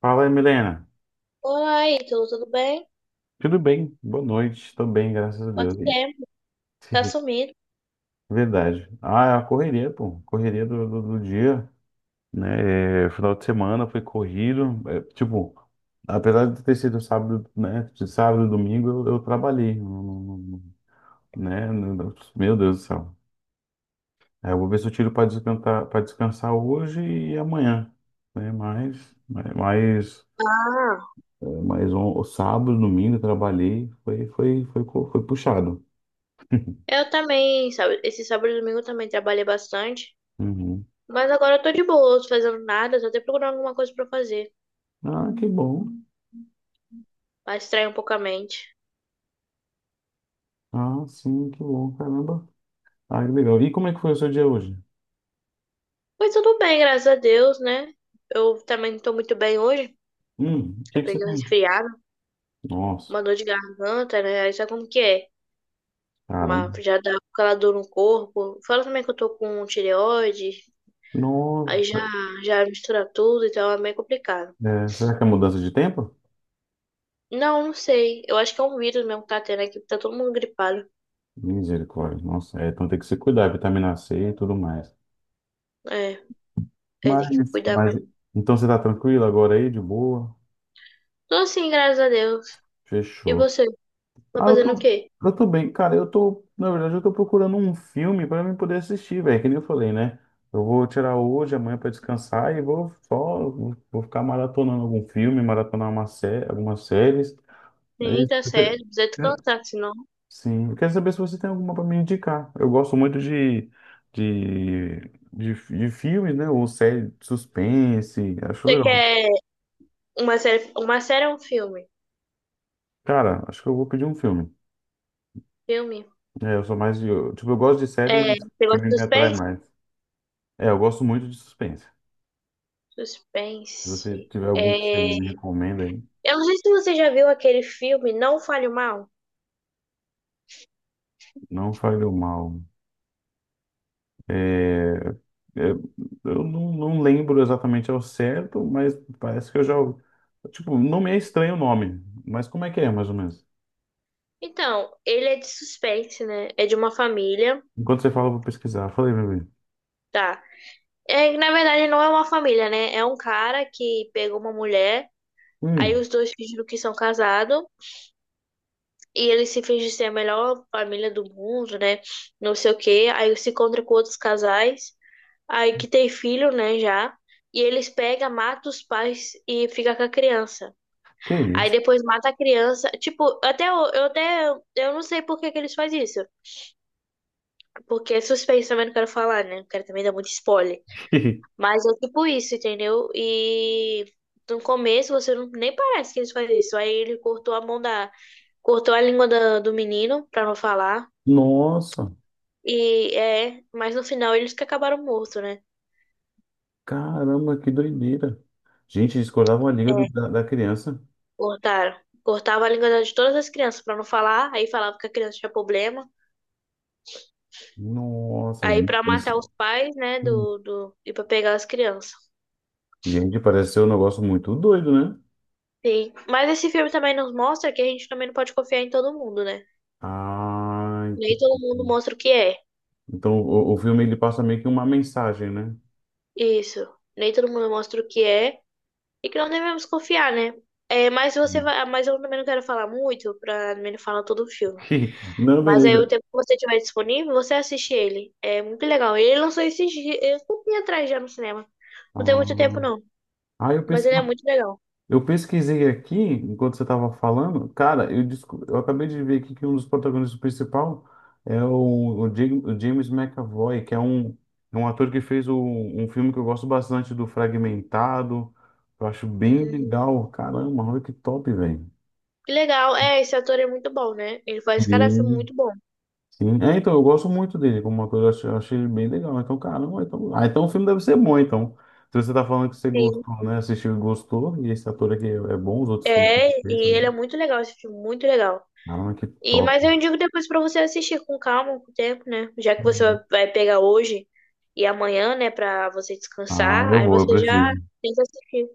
Fala aí, Milena. Oi, tudo bem? Tudo bem? Boa noite. Tô bem, graças a Quanto Deus. E- tempo? Tá sumido. Verdade. Ah, é a correria, pô. Correria do dia, né? Final de semana foi corrido. Apesar de ter sido sábado, né? De sábado e domingo, eu trabalhei, né? Meu Deus do céu. Eu vou ver se eu tiro para descansar hoje e amanhã, né? Ah, Mas sábado, domingo, eu trabalhei. Foi puxado. eu também, sabe? Esse sábado e domingo eu também trabalhei bastante. Uhum. Mas agora eu tô de boa, tô fazendo nada, tô até procurando alguma coisa pra fazer, Ah, que bom. pra distrair um pouco a mente. Ah, sim, que bom, caramba. Ah, que legal. E como é que foi o seu dia hoje? Mas tudo bem, graças a Deus, né? Eu também não tô muito bem hoje. O Eu que que você peguei um tem? resfriado, Nossa, uma dor de garganta, né? Aí sabe como que é? Mas caramba. já dá aquela dor no corpo. Fala também que eu tô com tireoide, aí já, Nossa, já mistura tudo, então é meio complicado. é, será que é mudança de tempo? Não, não sei. Eu acho que é um vírus mesmo que tá tendo aqui, porque tá todo mundo gripado. Misericórdia, nossa, é, então tem que se cuidar, vitamina C e tudo mais. É, é, tem que Mas, cuidar mas, mesmo. então você tá tranquilo agora aí, de boa? Tô assim, graças a Deus. E Fechou. você? Tá Ah, eu fazendo o tô, quê? eu tô bem. Cara, eu tô, na verdade, eu tô procurando um filme pra mim poder assistir, velho, que nem eu falei, né? Eu vou tirar hoje, amanhã pra descansar e vou ficar maratonando algum filme, maratonar uma série, algumas séries. Né? É Sim, tá isso. sério. Precisa descansar, senão. Sim, eu quero saber se você tem alguma pra me indicar. Eu gosto muito de, de filmes, né? Ou série de suspense, acho Você legal. quer uma série? Uma série ou um filme. Cara, acho que eu vou pedir um filme. Filme. É, eu sou mais de, tipo, eu gosto de série, É, mas você gosta filme de me atrai suspense? mais. É, eu gosto muito de suspense. Se você Suspense. tiver algum que você É, me recomenda aí, eu não sei se você já viu aquele filme Não Fale Mal. não fale o mal. É, é, eu não lembro exatamente ao certo, mas parece que eu já. Tipo, não me é estranho o nome, mas como é que é, mais ou menos? Então, ele é de suspense, né? É de uma família, Enquanto você fala, eu vou pesquisar. Falei, meu bem. tá? É, na verdade, não é uma família, né? É um cara que pegou uma mulher. Aí Hum, os dois fingem que são casados e eles se fingem ser a melhor família do mundo, né? Não sei o quê. Aí se encontra com outros casais, aí que tem filho, né, já. E eles pegam, matam os pais e fica com a criança. que Aí isso? depois mata a criança. Tipo, até eu até eu não sei por que que eles fazem isso. Porque é suspense também não quero falar, né? Não quero também dar muito spoiler. Mas é tipo isso, entendeu? E no começo você não, nem parece que eles fazem isso. Aí ele cortou a mão da cortou a língua da- do menino pra não falar. Nossa, E é, mas no final eles que acabaram morto, né? caramba, que doideira. Gente, discordava uma liga do- É, da, da criança. cortaram. Cortava a língua da- de todas as crianças pra não falar, aí falava que a criança tinha problema. Nossa, Aí gente. pra matar Parece- os pais, né, do e pra pegar as crianças. Gente, parece ser um negócio muito doido, né? Sim. Mas esse filme também nos mostra que a gente também não pode confiar em todo mundo, né? Ah, Nem todo mundo entendi. mostra o que é. Então o filme ele passa meio que uma mensagem, né? Isso. Nem todo mundo mostra o que é e que não devemos confiar, né? É, mas você Hum. vai, mas eu também não quero falar muito pra não falar todo o filme. Não, Mas aí o beleza. tempo que você tiver disponível, você assiste ele. É muito legal. Ele lançou esses dias, é, um atrás já no cinema. Não tem muito tempo, Ah, não. ah, eu, Mas pes- ele é muito legal. eu pesquisei aqui enquanto você estava falando. Eu acabei de ver aqui que um dos protagonistas principal é o James McAvoy, é um ator que fez um filme que eu gosto bastante do Fragmentado. Eu acho bem Hum, legal. Caramba, olha que top, velho. que legal. É, esse ator é muito bom, né? Ele faz cada filme Sim. muito bom. Sim. É, então, eu gosto muito dele como ator, eu achei ele bem legal. Então, caramba, então, ah, então o filme deve ser bom, então. Se você tá falando que você Sim. gostou, né? Assistiu e gostou, e esse ator aqui é, é bom, os outros filmes que É, ele fez e ele é também. muito legal, esse filme, muito legal. Caramba, que E, top. mas eu indico depois pra você assistir com calma, com tempo, né? Já que você Uhum. vai pegar hoje e amanhã, né, pra você Ah, descansar, eu aí vou, eu você já preciso. tem que assistir.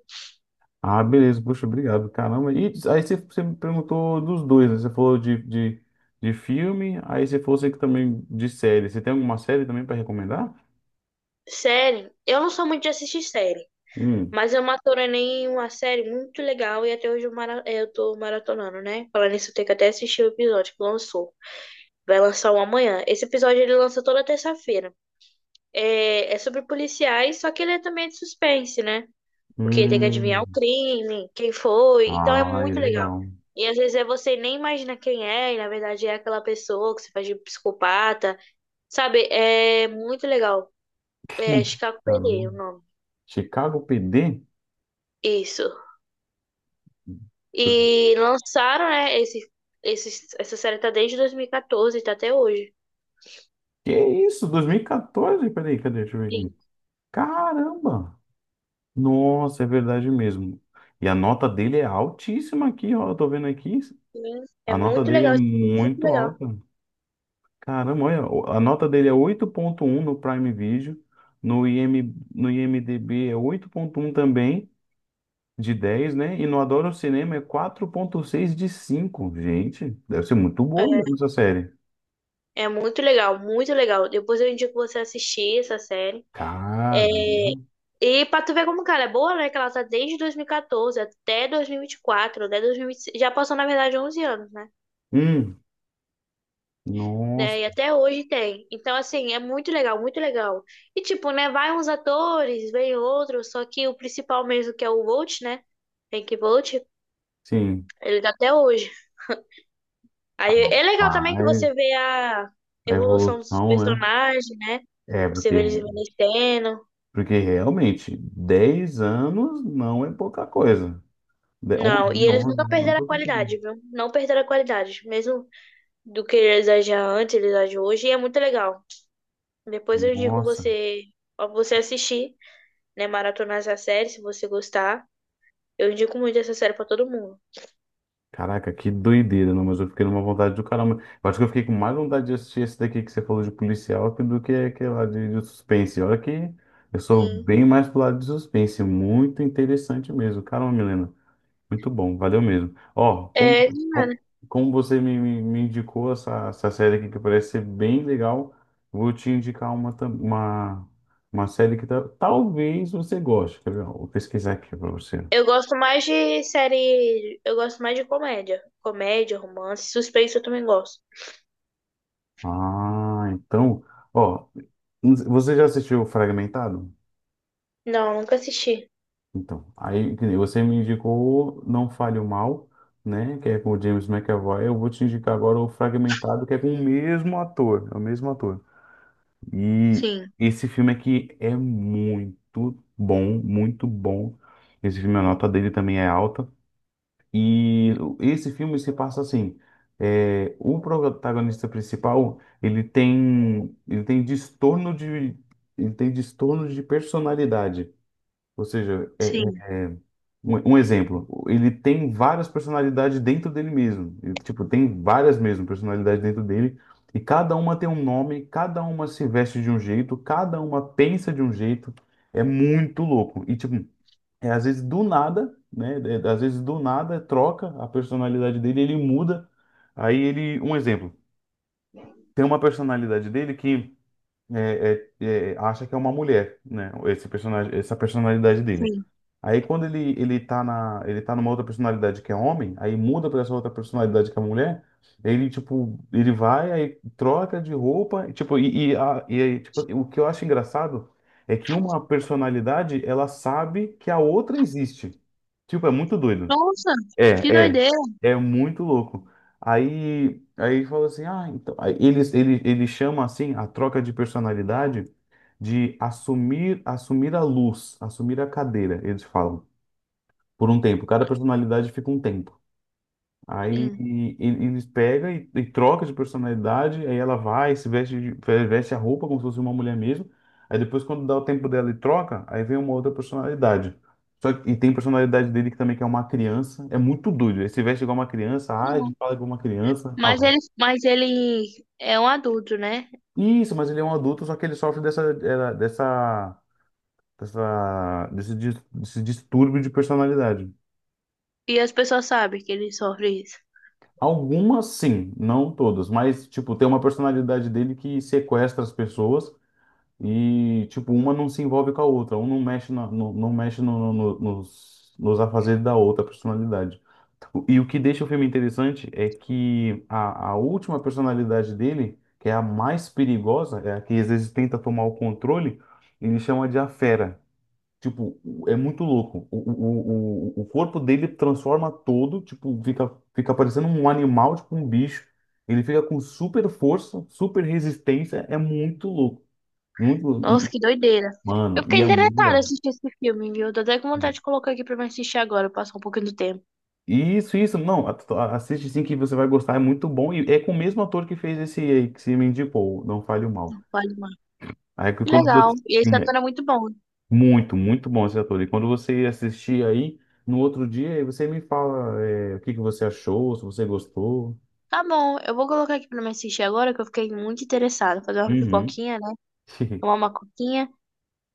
Ah, beleza, poxa, obrigado, caramba. E aí você me perguntou dos dois, né? Você falou de filme, aí você falou você que também de série. Você tem alguma série também para recomendar? Série, eu não sou muito de assistir série. Hum. Mas eu maratonei uma série muito legal e até hoje eu, mara... eu tô maratonando, né? Falando nisso, eu tenho que até assistir o episódio que lançou. Vai lançar um amanhã. Esse episódio ele lança toda terça-feira. É... é sobre policiais, só que ele é também de suspense, né? Porque tem que adivinhar o Hum. crime, quem foi. Então é Ah, muito legal. legal. E às vezes é você nem imagina quem é, e na verdade é aquela pessoa que você faz de psicopata. Sabe? É muito legal. É Chicago PD, Caramba. o nome. Chicago PD? Isso. Deixa eu ver. E lançaram, né, essa série tá desde 2014, tá até hoje. Que isso? 2014? Peraí, cadê? Deixa eu ver aqui. Sim. Caramba! Nossa, é verdade mesmo. E a nota dele é altíssima aqui, ó. Eu tô vendo aqui. Sim. É A nota muito dele é legal, assim, muito muito legal. alta. Caramba, olha. A nota dele é 8.1 no Prime Video. No IM, no IMDB é 8.1 também, de 10, né? E no Adoro Cinema é 4.6 de 5. Gente, deve ser muito boa mesmo essa série. É, é muito legal, muito legal. Depois eu indico você assistir essa série. É, Caramba. e pra tu ver como, cara, é boa, né? Que ela tá desde 2014 até 2024, até 2025. Já passou, na verdade, 11 anos, né? Hum, Nossa, Né, e até hoje tem. Então, assim, é muito legal, muito legal. E, tipo, né? Vai uns atores, vem outros, só que o principal mesmo, que é o Volt, né? Hank Volt, sim, ele tá até hoje. Aí é legal também que mas você vê a a evolução dos evolução, né? personagens, né? É, Você vê porque, eles envelhecendo. porque realmente 10 anos não é pouca coisa. De- 11 Não, e né? eles 11 nunca não é perderam a pouca coisa. qualidade, viu? Não perderam a qualidade. Mesmo do que eles agiam antes, eles agem hoje, e é muito legal. Depois eu indico Nossa, você, ó, você assistir, né? Maratonar essa série, se você gostar. Eu indico muito essa série pra todo mundo. caraca, que doideira, não, mas eu fiquei numa vontade do caramba. Eu acho que eu fiquei com mais vontade de assistir esse daqui que você falou de policial do que aquele lá de suspense. Olha que eu sou Sim. bem mais pro lado de suspense, muito interessante mesmo. Caramba, Milena. Muito bom, valeu mesmo. Ó, como, É, mano, como como você me indicou essa série aqui que parece ser bem legal, vou te indicar uma série que talvez você goste. Quer ver? Ó, Vou pesquisar aqui para você. eu gosto mais de série. Eu gosto mais de comédia. Comédia, romance, suspense eu também gosto. Ah, então, ó, você já assistiu Fragmentado? Não, nunca assisti. Então, aí que nem você me indicou Não Fale o Mal, né? Que é com o James McAvoy. Eu vou te indicar agora o Fragmentado, que é com o mesmo ator, é o mesmo ator. E Sim, esse filme aqui é muito bom, muito bom. Esse filme, a nota dele também é alta. E esse filme se passa assim, é, o protagonista principal, ele tem transtorno ele tem transtorno de personalidade. Ou seja, sim, um, um exemplo, ele tem várias personalidades dentro dele mesmo. Ele, tipo, tem várias mesmo personalidades dentro dele, e cada uma tem um nome, cada uma se veste de um jeito, cada uma pensa de um jeito. É muito louco. E, tipo, é, às vezes do nada, né? É, às vezes do nada troca a personalidade dele, ele muda. Aí ele, um exemplo, tem uma personalidade dele que é, é, é, acha que é uma mulher, né? Esse personagem, essa personalidade dele. sim. Aí quando ele tá numa outra personalidade que é homem, aí muda pra essa outra personalidade que é mulher, ele vai aí troca de roupa, e aí, tipo, o que eu acho engraçado é que uma personalidade ela sabe que a outra existe. Tipo, é muito doido. Nossa, que É, é, doideira. é muito louco. Aí ele falou assim, ah, então, ele chama assim a troca de personalidade de assumir, assumir a luz, assumir a cadeira, eles falam, por um tempo. Cada personalidade fica um tempo. Aí Sim. Eles pegam e troca de personalidade, aí ela vai, se veste, veste a roupa como se fosse uma mulher mesmo. Aí depois, quando dá o tempo dela e troca, aí vem uma outra personalidade. Só que, e tem personalidade dele que também que é uma criança. É muito doido. Ele se veste igual uma criança, age, Não. fala igual uma criança. Mas Ah, ele, mas ele é um adulto, né? isso, mas ele é um adulto, só que ele sofre dessa, era- dessa, dessa, desse, dis- desse distúrbio de personalidade. E as pessoas sabem que ele sofre isso. Algumas sim, não todas, mas tipo, tem uma personalidade dele que sequestra as pessoas. E, tipo, uma não se envolve com a outra, um não mexe, na, no, não mexe nos afazeres da outra personalidade. Tipo, E o que deixa o filme interessante é que a última personalidade dele, que é a mais perigosa, é a que às vezes tenta tomar o controle, ele chama de a fera. Tipo, é muito louco. O corpo dele transforma todo, tipo, fica parecendo um animal, tipo um bicho. Ele fica com super força, super resistência, é muito louco. Muito, Nossa, que doideira. Mano, Eu fiquei e é muito interessada em legal. assistir esse filme, viu? Tô até com vontade de colocar aqui pra me assistir agora, passar um pouquinho do tempo. Isso, não, assiste sim que você vai gostar, é muito bom, e é com o mesmo ator que fez esse aí, que se me indicou, Não Fale o Mal. Vale mais. Aí que Que quando você, legal. E esse sim, é ator é muito bom. muito, muito bom esse ator, e quando você assistir aí, no outro dia, aí você me fala é, o que que você achou, se você gostou. Tá bom, eu vou colocar aqui pra me assistir agora, que eu fiquei muito interessada. Fazer uma Uhum. pipoquinha, né? Tomar uma coquinha.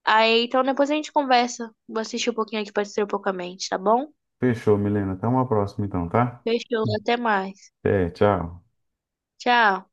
Aí, então depois a gente conversa. Vou assistir um pouquinho aqui pra distrair um pouco a mente, tá bom? Fechou, Milena, até uma próxima então, tá? Fechou, até mais. É, tchau. Tchau.